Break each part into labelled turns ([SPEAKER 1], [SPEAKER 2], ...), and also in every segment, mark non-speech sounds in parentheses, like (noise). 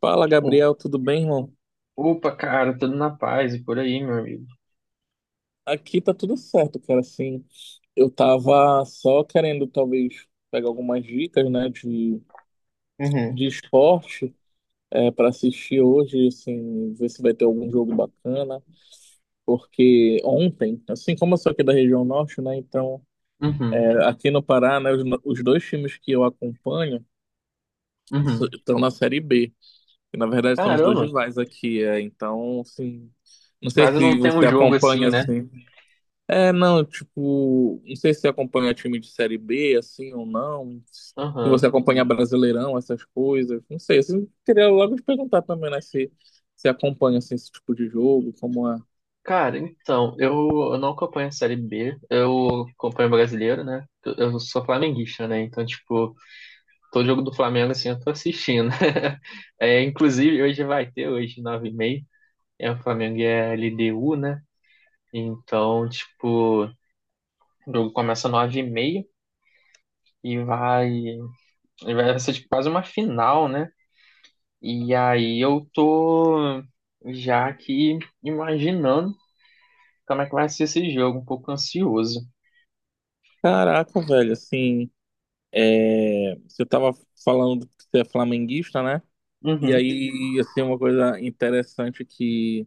[SPEAKER 1] Fala,
[SPEAKER 2] O-
[SPEAKER 1] Gabriel, tudo bem, irmão?
[SPEAKER 2] Opa, cara, tudo na paz e por aí, meu amigo.
[SPEAKER 1] Aqui tá tudo certo, cara. Assim, eu tava só querendo talvez pegar algumas dicas, né, de,
[SPEAKER 2] Uhum.
[SPEAKER 1] de esporte para assistir hoje, assim, ver se vai ter algum jogo bacana. Porque ontem, assim como eu sou aqui da região norte, né, então
[SPEAKER 2] Uhum,
[SPEAKER 1] aqui no Pará, né, os, no- os dois times que eu acompanho
[SPEAKER 2] uhum.
[SPEAKER 1] estão na Série B, que na verdade são os dois
[SPEAKER 2] Caramba,
[SPEAKER 1] rivais aqui. Então, assim, não sei
[SPEAKER 2] quase
[SPEAKER 1] se
[SPEAKER 2] não tem um
[SPEAKER 1] você
[SPEAKER 2] jogo assim,
[SPEAKER 1] acompanha
[SPEAKER 2] né?
[SPEAKER 1] assim. É, não, tipo, não sei se você acompanha time de Série B, assim, ou não. Se
[SPEAKER 2] Aham.
[SPEAKER 1] você acompanha Brasileirão, essas coisas. Não sei, assim, eu queria logo te perguntar também, né, se você acompanha, assim, esse tipo de jogo, como é.
[SPEAKER 2] Cara, então, eu não acompanho a Série B, eu acompanho o brasileiro, né? Eu sou flamenguista, né? Então, tipo, todo jogo do Flamengo, assim, eu tô assistindo. (laughs) É, inclusive, hoje vai ter, hoje, 9h30. O Flamengo e LDU, né? Então, tipo, o jogo começa 9h30 e vai ser, tipo, quase uma final, né? E aí eu tô já aqui imaginando como é que vai ser esse jogo, um pouco ansioso.
[SPEAKER 1] Caraca, velho, assim, você tava falando que você é flamenguista, né? E
[SPEAKER 2] Uhum,
[SPEAKER 1] aí, assim, uma coisa interessante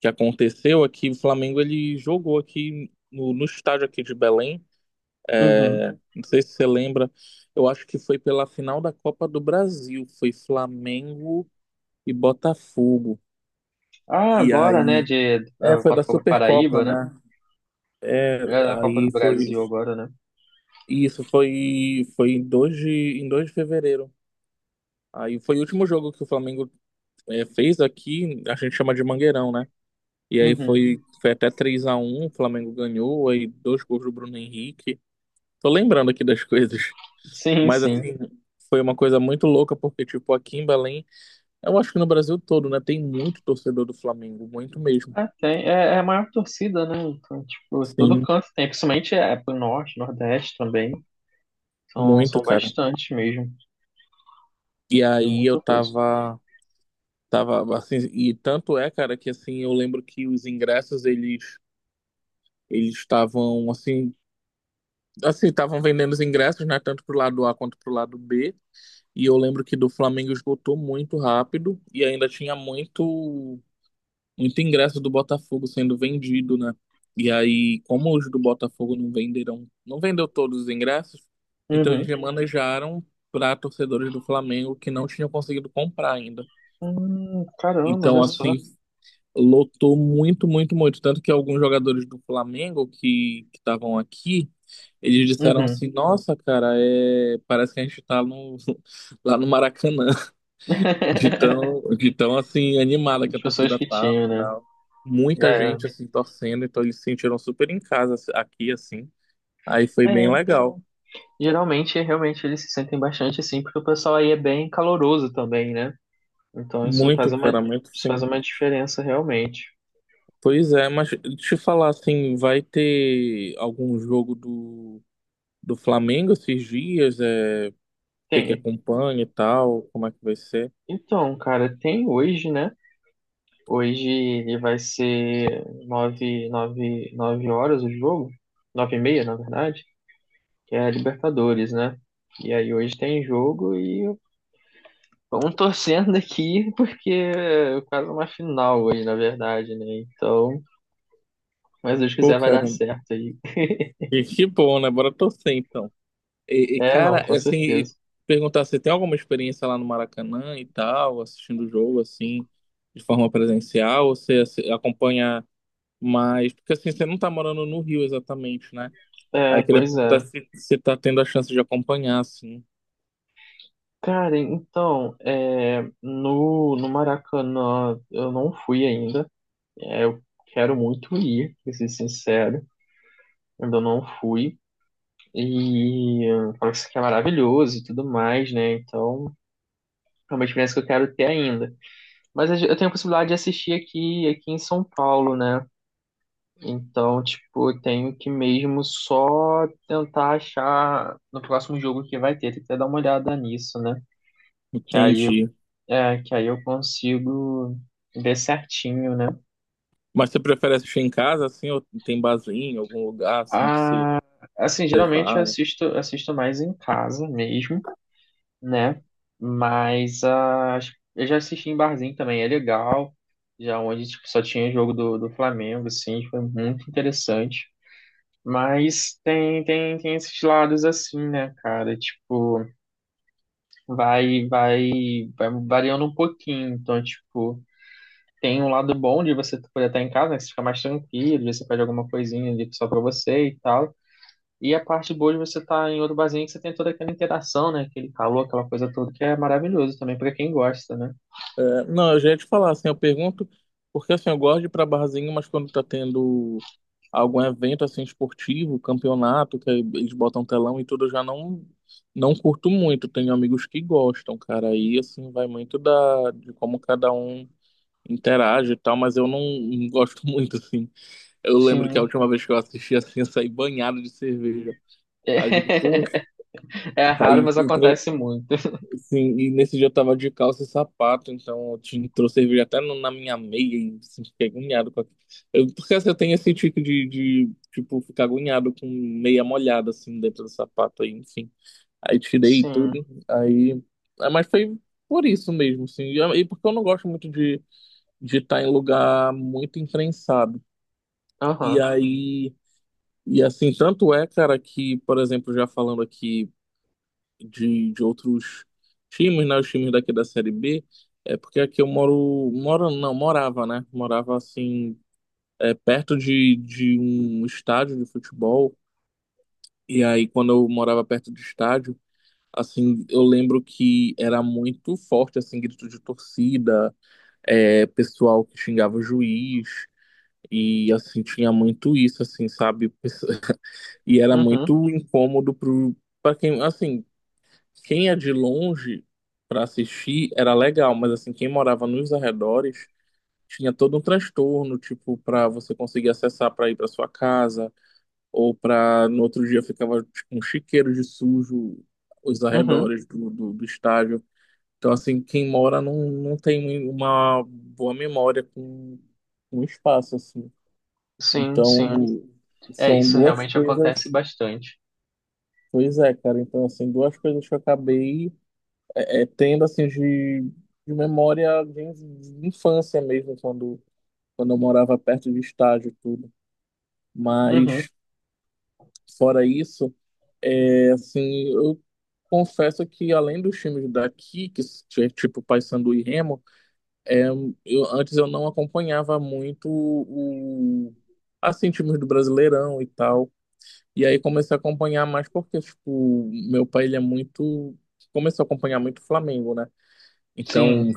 [SPEAKER 1] que aconteceu é que o Flamengo, ele jogou aqui no estádio aqui de Belém.
[SPEAKER 2] uhum.
[SPEAKER 1] Não sei se você lembra, eu acho que foi pela final da Copa do Brasil, foi Flamengo e Botafogo.
[SPEAKER 2] Ah,
[SPEAKER 1] E
[SPEAKER 2] agora, né,
[SPEAKER 1] aí,
[SPEAKER 2] de
[SPEAKER 1] foi da
[SPEAKER 2] Botafogo do
[SPEAKER 1] Supercopa,
[SPEAKER 2] Paraíba, né?
[SPEAKER 1] né?
[SPEAKER 2] É na Copa do
[SPEAKER 1] Aí foi,
[SPEAKER 2] Brasil agora, né?
[SPEAKER 1] isso foi em 2 de fevereiro. Aí foi o último jogo que o Flamengo fez aqui, a gente chama de Mangueirão, né? E aí
[SPEAKER 2] Uhum.
[SPEAKER 1] foi, foi até 3-1, o Flamengo ganhou, aí dois gols do Bruno Henrique. Tô lembrando aqui das (laughs) coisas,
[SPEAKER 2] Sim,
[SPEAKER 1] mas
[SPEAKER 2] sim.
[SPEAKER 1] assim, foi uma coisa muito louca, porque tipo, aqui em Belém. Eu acho que no Brasil todo, né? Tem muito torcedor do Flamengo, muito mesmo.
[SPEAKER 2] É, tem, é a maior torcida, né? Então, tipo, todo
[SPEAKER 1] Sim,
[SPEAKER 2] canto tem, principalmente é pro norte, nordeste também. São,
[SPEAKER 1] muito,
[SPEAKER 2] são
[SPEAKER 1] cara.
[SPEAKER 2] bastante mesmo,
[SPEAKER 1] E
[SPEAKER 2] tem
[SPEAKER 1] aí eu
[SPEAKER 2] muita coisa.
[SPEAKER 1] tava, tava assim, e tanto é, cara, que assim, eu lembro que os ingressos, eles estavam assim, assim, estavam vendendo os ingressos, né, tanto pro lado A quanto pro lado B. E eu lembro que do Flamengo esgotou muito rápido e ainda tinha muito ingresso do Botafogo sendo vendido, né? E aí, como os do Botafogo não venderam, não vendeu todos os ingressos, então eles
[SPEAKER 2] Uhum.
[SPEAKER 1] remanejaram para torcedores do Flamengo que não tinham conseguido comprar ainda.
[SPEAKER 2] Caramba, olha
[SPEAKER 1] Então,
[SPEAKER 2] só.
[SPEAKER 1] assim, lotou muito, muito, muito. Tanto que alguns jogadores do Flamengo que estavam aqui, eles disseram
[SPEAKER 2] Uhum.
[SPEAKER 1] assim, nossa, cara, é, parece que a gente tá no, (laughs) lá no Maracanã.
[SPEAKER 2] (laughs)
[SPEAKER 1] De tão assim animada que
[SPEAKER 2] As
[SPEAKER 1] a
[SPEAKER 2] pessoas
[SPEAKER 1] torcida
[SPEAKER 2] que
[SPEAKER 1] tava
[SPEAKER 2] tinham,
[SPEAKER 1] e
[SPEAKER 2] né?
[SPEAKER 1] tal. Muita
[SPEAKER 2] É,
[SPEAKER 1] gente assim torcendo, então eles se sentiram super em casa assim, aqui assim. Aí foi bem
[SPEAKER 2] é.
[SPEAKER 1] legal.
[SPEAKER 2] Geralmente, realmente, eles se sentem bastante assim, porque o pessoal aí é bem caloroso também, né? Então isso
[SPEAKER 1] Muito,
[SPEAKER 2] faz uma,
[SPEAKER 1] cara, muito
[SPEAKER 2] isso faz
[SPEAKER 1] sim.
[SPEAKER 2] uma diferença realmente.
[SPEAKER 1] Pois é, mas deixa eu falar assim, vai ter algum jogo do Flamengo esses dias? Você que
[SPEAKER 2] Tem.
[SPEAKER 1] acompanha e tal, como é que vai ser?
[SPEAKER 2] Então, cara, tem hoje, né? Hoje ele vai ser nove horas o jogo. 9h30, na verdade, que é a Libertadores, né? E aí hoje tem jogo e vamos (laughs) torcendo aqui, porque é quase uma final hoje, na verdade, né? Então, mas se Deus
[SPEAKER 1] Pô,
[SPEAKER 2] quiser vai dar
[SPEAKER 1] cara,
[SPEAKER 2] certo aí.
[SPEAKER 1] que bom, né? Bora torcer então. E,
[SPEAKER 2] É, não,
[SPEAKER 1] cara,
[SPEAKER 2] com
[SPEAKER 1] assim, e
[SPEAKER 2] certeza.
[SPEAKER 1] perguntar se tem alguma experiência lá no Maracanã e tal, assistindo o jogo, assim, de forma presencial, ou você assim, acompanha mais, porque assim, você não tá morando no Rio exatamente, né?
[SPEAKER 2] É,
[SPEAKER 1] Aí queria
[SPEAKER 2] pois
[SPEAKER 1] perguntar
[SPEAKER 2] é.
[SPEAKER 1] se você tá tendo a chance de acompanhar, assim,
[SPEAKER 2] Cara, então, é, no Maracanã eu não fui ainda. É, eu quero muito ir, pra ser sincero. Ainda não fui. E parece que é maravilhoso e tudo mais, né? Então, é uma experiência que eu quero ter ainda. Mas eu tenho a possibilidade de assistir aqui em São Paulo, né? Então, tipo, eu tenho que mesmo só tentar achar no próximo jogo que vai ter. Tem que até dar uma olhada nisso, né? Que aí
[SPEAKER 1] entendi.
[SPEAKER 2] que aí eu consigo ver certinho, né?
[SPEAKER 1] Mas você prefere assistir em casa, assim, ou tem barzinho, algum lugar, assim, que você,
[SPEAKER 2] Ah, assim,
[SPEAKER 1] você
[SPEAKER 2] geralmente eu
[SPEAKER 1] vai?
[SPEAKER 2] assisto mais em casa mesmo, né? Mas eu já assisti em barzinho também, é legal. Já onde tipo, só tinha jogo do Flamengo, assim, foi muito interessante. Mas tem esses lados assim, né, cara? Tipo, vai, vai, vai variando um pouquinho. Então, tipo. Tem um lado bom de você poder estar em casa, né? Que você fica mais tranquilo, você pede alguma coisinha ali só pra você e tal. E a parte boa de você estar em outro barzinho é que você tem toda aquela interação, né? Aquele calor, aquela coisa toda, que é maravilhoso também pra quem gosta, né?
[SPEAKER 1] É, não, eu já ia te falar, assim, eu pergunto, porque assim, eu gosto de ir pra barzinho, mas quando tá tendo algum evento, assim, esportivo, campeonato, que aí eles botam telão e tudo, eu já não, não curto muito. Tenho amigos que gostam, cara, aí, assim, vai muito da, de como cada um interage e tal, mas eu não, não gosto (laughs) muito, assim. Eu lembro que a
[SPEAKER 2] Sim.
[SPEAKER 1] última vez que eu assisti, assim, eu saí banhado de cerveja. Aí eu digo, poxa,
[SPEAKER 2] (laughs) É, raro,
[SPEAKER 1] aí
[SPEAKER 2] mas
[SPEAKER 1] então,
[SPEAKER 2] acontece muito.
[SPEAKER 1] sim, e nesse dia eu tava de calça e sapato, então eu trouxe cerveja até na minha meia e assim, fiquei agoniado com aquilo. Porque assim, eu tenho esse tipo tipo, ficar agoniado com meia molhada, assim, dentro do sapato, aí, enfim. Aí tirei
[SPEAKER 2] Sim.
[SPEAKER 1] tudo, aí, ah, mas foi por isso mesmo, assim, e porque eu não gosto muito de estar em lugar muito imprensado. E
[SPEAKER 2] Aham.
[SPEAKER 1] aí, e assim, tanto é, cara, que, por exemplo, já falando aqui de outros times, né? Os times daqui da Série B. É porque aqui eu moro, moro não, morava, né? Morava assim, perto de um estádio de futebol. E aí, quando eu morava perto do estádio, assim, eu lembro que era muito forte, assim, grito de torcida, pessoal que xingava o juiz. E assim, tinha muito isso, assim, sabe? (laughs) E era
[SPEAKER 2] Uhum.
[SPEAKER 1] muito incômodo pro, pra quem, assim. Quem é de longe para assistir era legal, mas assim, quem morava nos arredores tinha todo um transtorno, tipo, para você conseguir acessar para ir para sua casa, ou para no outro dia ficava tipo, um chiqueiro de sujo os
[SPEAKER 2] Uhum.
[SPEAKER 1] arredores do estádio. Então, assim, quem mora não, não tem uma boa memória com o espaço, assim.
[SPEAKER 2] Sim, sim.
[SPEAKER 1] Então,
[SPEAKER 2] É,
[SPEAKER 1] são
[SPEAKER 2] isso
[SPEAKER 1] duas
[SPEAKER 2] realmente acontece
[SPEAKER 1] coisas.
[SPEAKER 2] bastante.
[SPEAKER 1] Pois é, cara. Então, assim, duas coisas que eu acabei tendo assim de memória de infância mesmo, quando, quando eu morava perto de estádio e tudo.
[SPEAKER 2] Uhum.
[SPEAKER 1] Mas fora isso, assim, eu confesso que além dos times daqui, que é tipo Paysandu e Remo, é, eu, antes eu não acompanhava muito o, assim, times do Brasileirão e tal. E aí comecei a acompanhar mais porque, tipo, meu pai, ele é muito, começou a acompanhar muito o Flamengo, né?
[SPEAKER 2] Sim.
[SPEAKER 1] Então,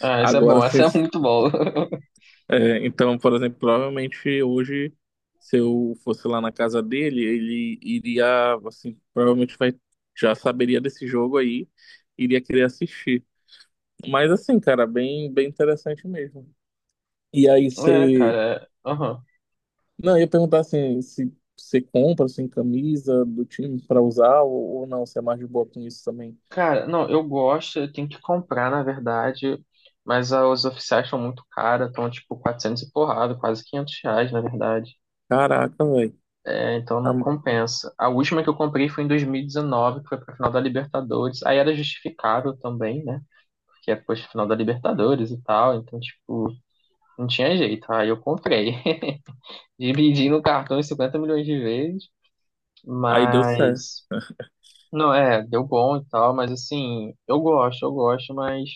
[SPEAKER 2] Ah, isso é
[SPEAKER 1] agora,
[SPEAKER 2] bom.
[SPEAKER 1] assim,
[SPEAKER 2] Isso é muito bom. (laughs)
[SPEAKER 1] é, então, por exemplo, provavelmente hoje, se eu fosse lá na casa dele, ele iria, assim, provavelmente vai, já saberia desse jogo aí, iria querer assistir. Mas assim, cara, bem, bem interessante mesmo. E aí
[SPEAKER 2] É,
[SPEAKER 1] você,
[SPEAKER 2] cara. Aham.
[SPEAKER 1] não, eu ia perguntar assim, se você compra assim camisa do time pra usar ou não, você é mais de boa com isso também.
[SPEAKER 2] Cara, não, eu gosto, eu tenho que comprar, na verdade, mas os oficiais são muito caros, estão tipo 400 e porrada, quase R$ 500, na verdade.
[SPEAKER 1] Caraca, velho.
[SPEAKER 2] É, então não compensa. A última que eu comprei foi em 2019, que foi pra final da Libertadores. Aí era justificável também, né? Porque é, poxa, final da Libertadores e tal, então, tipo, não tinha jeito. Aí eu comprei. (laughs) Dividi no cartão em 50 milhões de vezes,
[SPEAKER 1] Aí deu certo
[SPEAKER 2] mas... Não, é, deu bom e tal, mas assim, eu gosto, mas...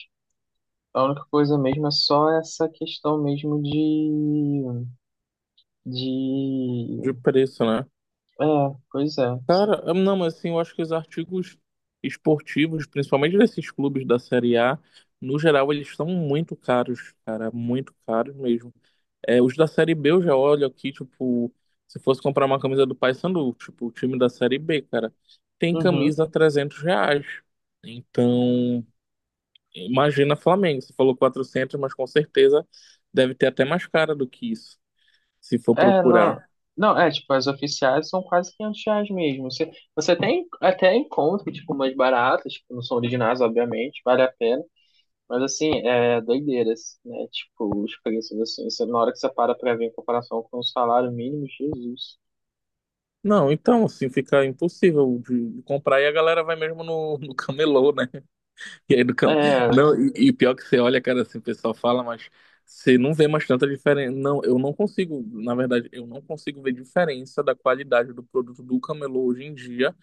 [SPEAKER 2] A única coisa mesmo é só essa questão mesmo
[SPEAKER 1] de
[SPEAKER 2] de,
[SPEAKER 1] preço, né?
[SPEAKER 2] é, pois é,
[SPEAKER 1] Cara, não, mas assim, eu acho que os artigos esportivos, principalmente desses clubes da Série A, no geral, eles estão muito caros, cara, muito caros mesmo. É, os da Série B eu já olho aqui, tipo, se fosse comprar uma camisa do Paysandu, tipo, o time da Série B, cara, tem
[SPEAKER 2] uhum.
[SPEAKER 1] camisa a R$ 300. Então, imagina Flamengo, você falou 400, mas com certeza deve ter até mais cara do que isso, se for
[SPEAKER 2] É, não,
[SPEAKER 1] procurar.
[SPEAKER 2] não, é, tipo, as oficiais são quase R$ 500 mesmo, você tem, até encontra, tipo, umas baratas, que não são originais, obviamente, vale a pena, mas, assim, é doideiras, né, tipo, os preços, assim, você, na hora que você para pra ver em comparação com o salário mínimo, Jesus,
[SPEAKER 1] Não, então, assim fica impossível de comprar, e a galera vai mesmo no, (laughs) no camelô, né? E aí do cam,
[SPEAKER 2] é,
[SPEAKER 1] não, e pior que você olha, cara, assim, o pessoal fala, mas você não vê mais tanta diferença. Não, eu não consigo, na verdade, eu não consigo ver diferença da qualidade do produto do camelô hoje em dia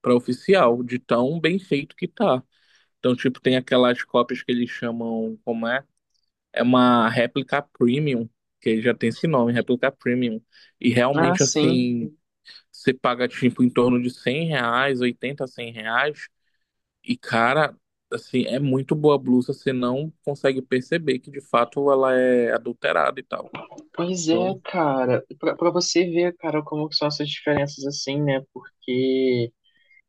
[SPEAKER 1] para oficial, de tão bem feito que tá. Então, tipo, tem aquelas cópias que eles chamam, como é? É uma réplica premium, que já tem esse nome, réplica premium. E
[SPEAKER 2] ah,
[SPEAKER 1] realmente,
[SPEAKER 2] sim.
[SPEAKER 1] assim. Você paga, tipo, em torno de R$ 100, 80 R$ 100. E, cara, assim, é muito boa a blusa. Você não consegue perceber que, de fato, ela é adulterada e tal.
[SPEAKER 2] Pois é,
[SPEAKER 1] Então,
[SPEAKER 2] cara, pra você ver, cara, como que são essas diferenças assim, né? Porque,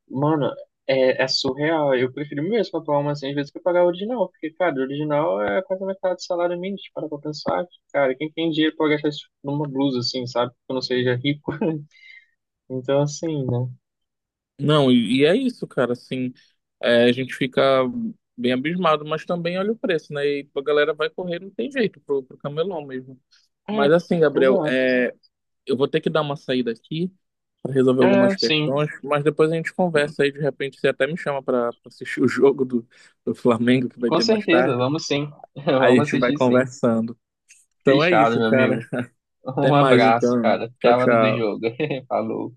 [SPEAKER 2] mano, é surreal. Eu prefiro mesmo comprar uma assim, às vezes, que pagar o original. Porque, cara, o original é quase a metade do salário mínimo. Para pra pensar, cara, quem tem dinheiro pra gastar isso numa blusa, assim, sabe? Que não seja rico. (laughs) Então, assim, né?
[SPEAKER 1] não, e é isso, cara. Assim, a gente fica bem abismado, mas também olha o preço, né? E a galera vai correr, não tem jeito, pro, pro camelão mesmo.
[SPEAKER 2] É,
[SPEAKER 1] Mas, assim, Gabriel,
[SPEAKER 2] exato.
[SPEAKER 1] eu vou ter que dar uma saída aqui, para resolver
[SPEAKER 2] Ah
[SPEAKER 1] algumas
[SPEAKER 2] sim,
[SPEAKER 1] questões, mas depois a gente conversa aí, de repente você até me chama para assistir o (laughs) jogo do, do Flamengo que vai
[SPEAKER 2] com
[SPEAKER 1] ter mais
[SPEAKER 2] certeza,
[SPEAKER 1] tarde.
[SPEAKER 2] vamos sim. (laughs)
[SPEAKER 1] Aí a
[SPEAKER 2] Vamos
[SPEAKER 1] gente vai
[SPEAKER 2] assistir sim.
[SPEAKER 1] conversando. Então é
[SPEAKER 2] Fechado,
[SPEAKER 1] isso,
[SPEAKER 2] meu
[SPEAKER 1] cara.
[SPEAKER 2] amigo. Um
[SPEAKER 1] Até mais
[SPEAKER 2] abraço, cara.
[SPEAKER 1] então.
[SPEAKER 2] Até
[SPEAKER 1] Tchau,
[SPEAKER 2] a hora do jogo.
[SPEAKER 1] tchau.
[SPEAKER 2] (laughs) Falou.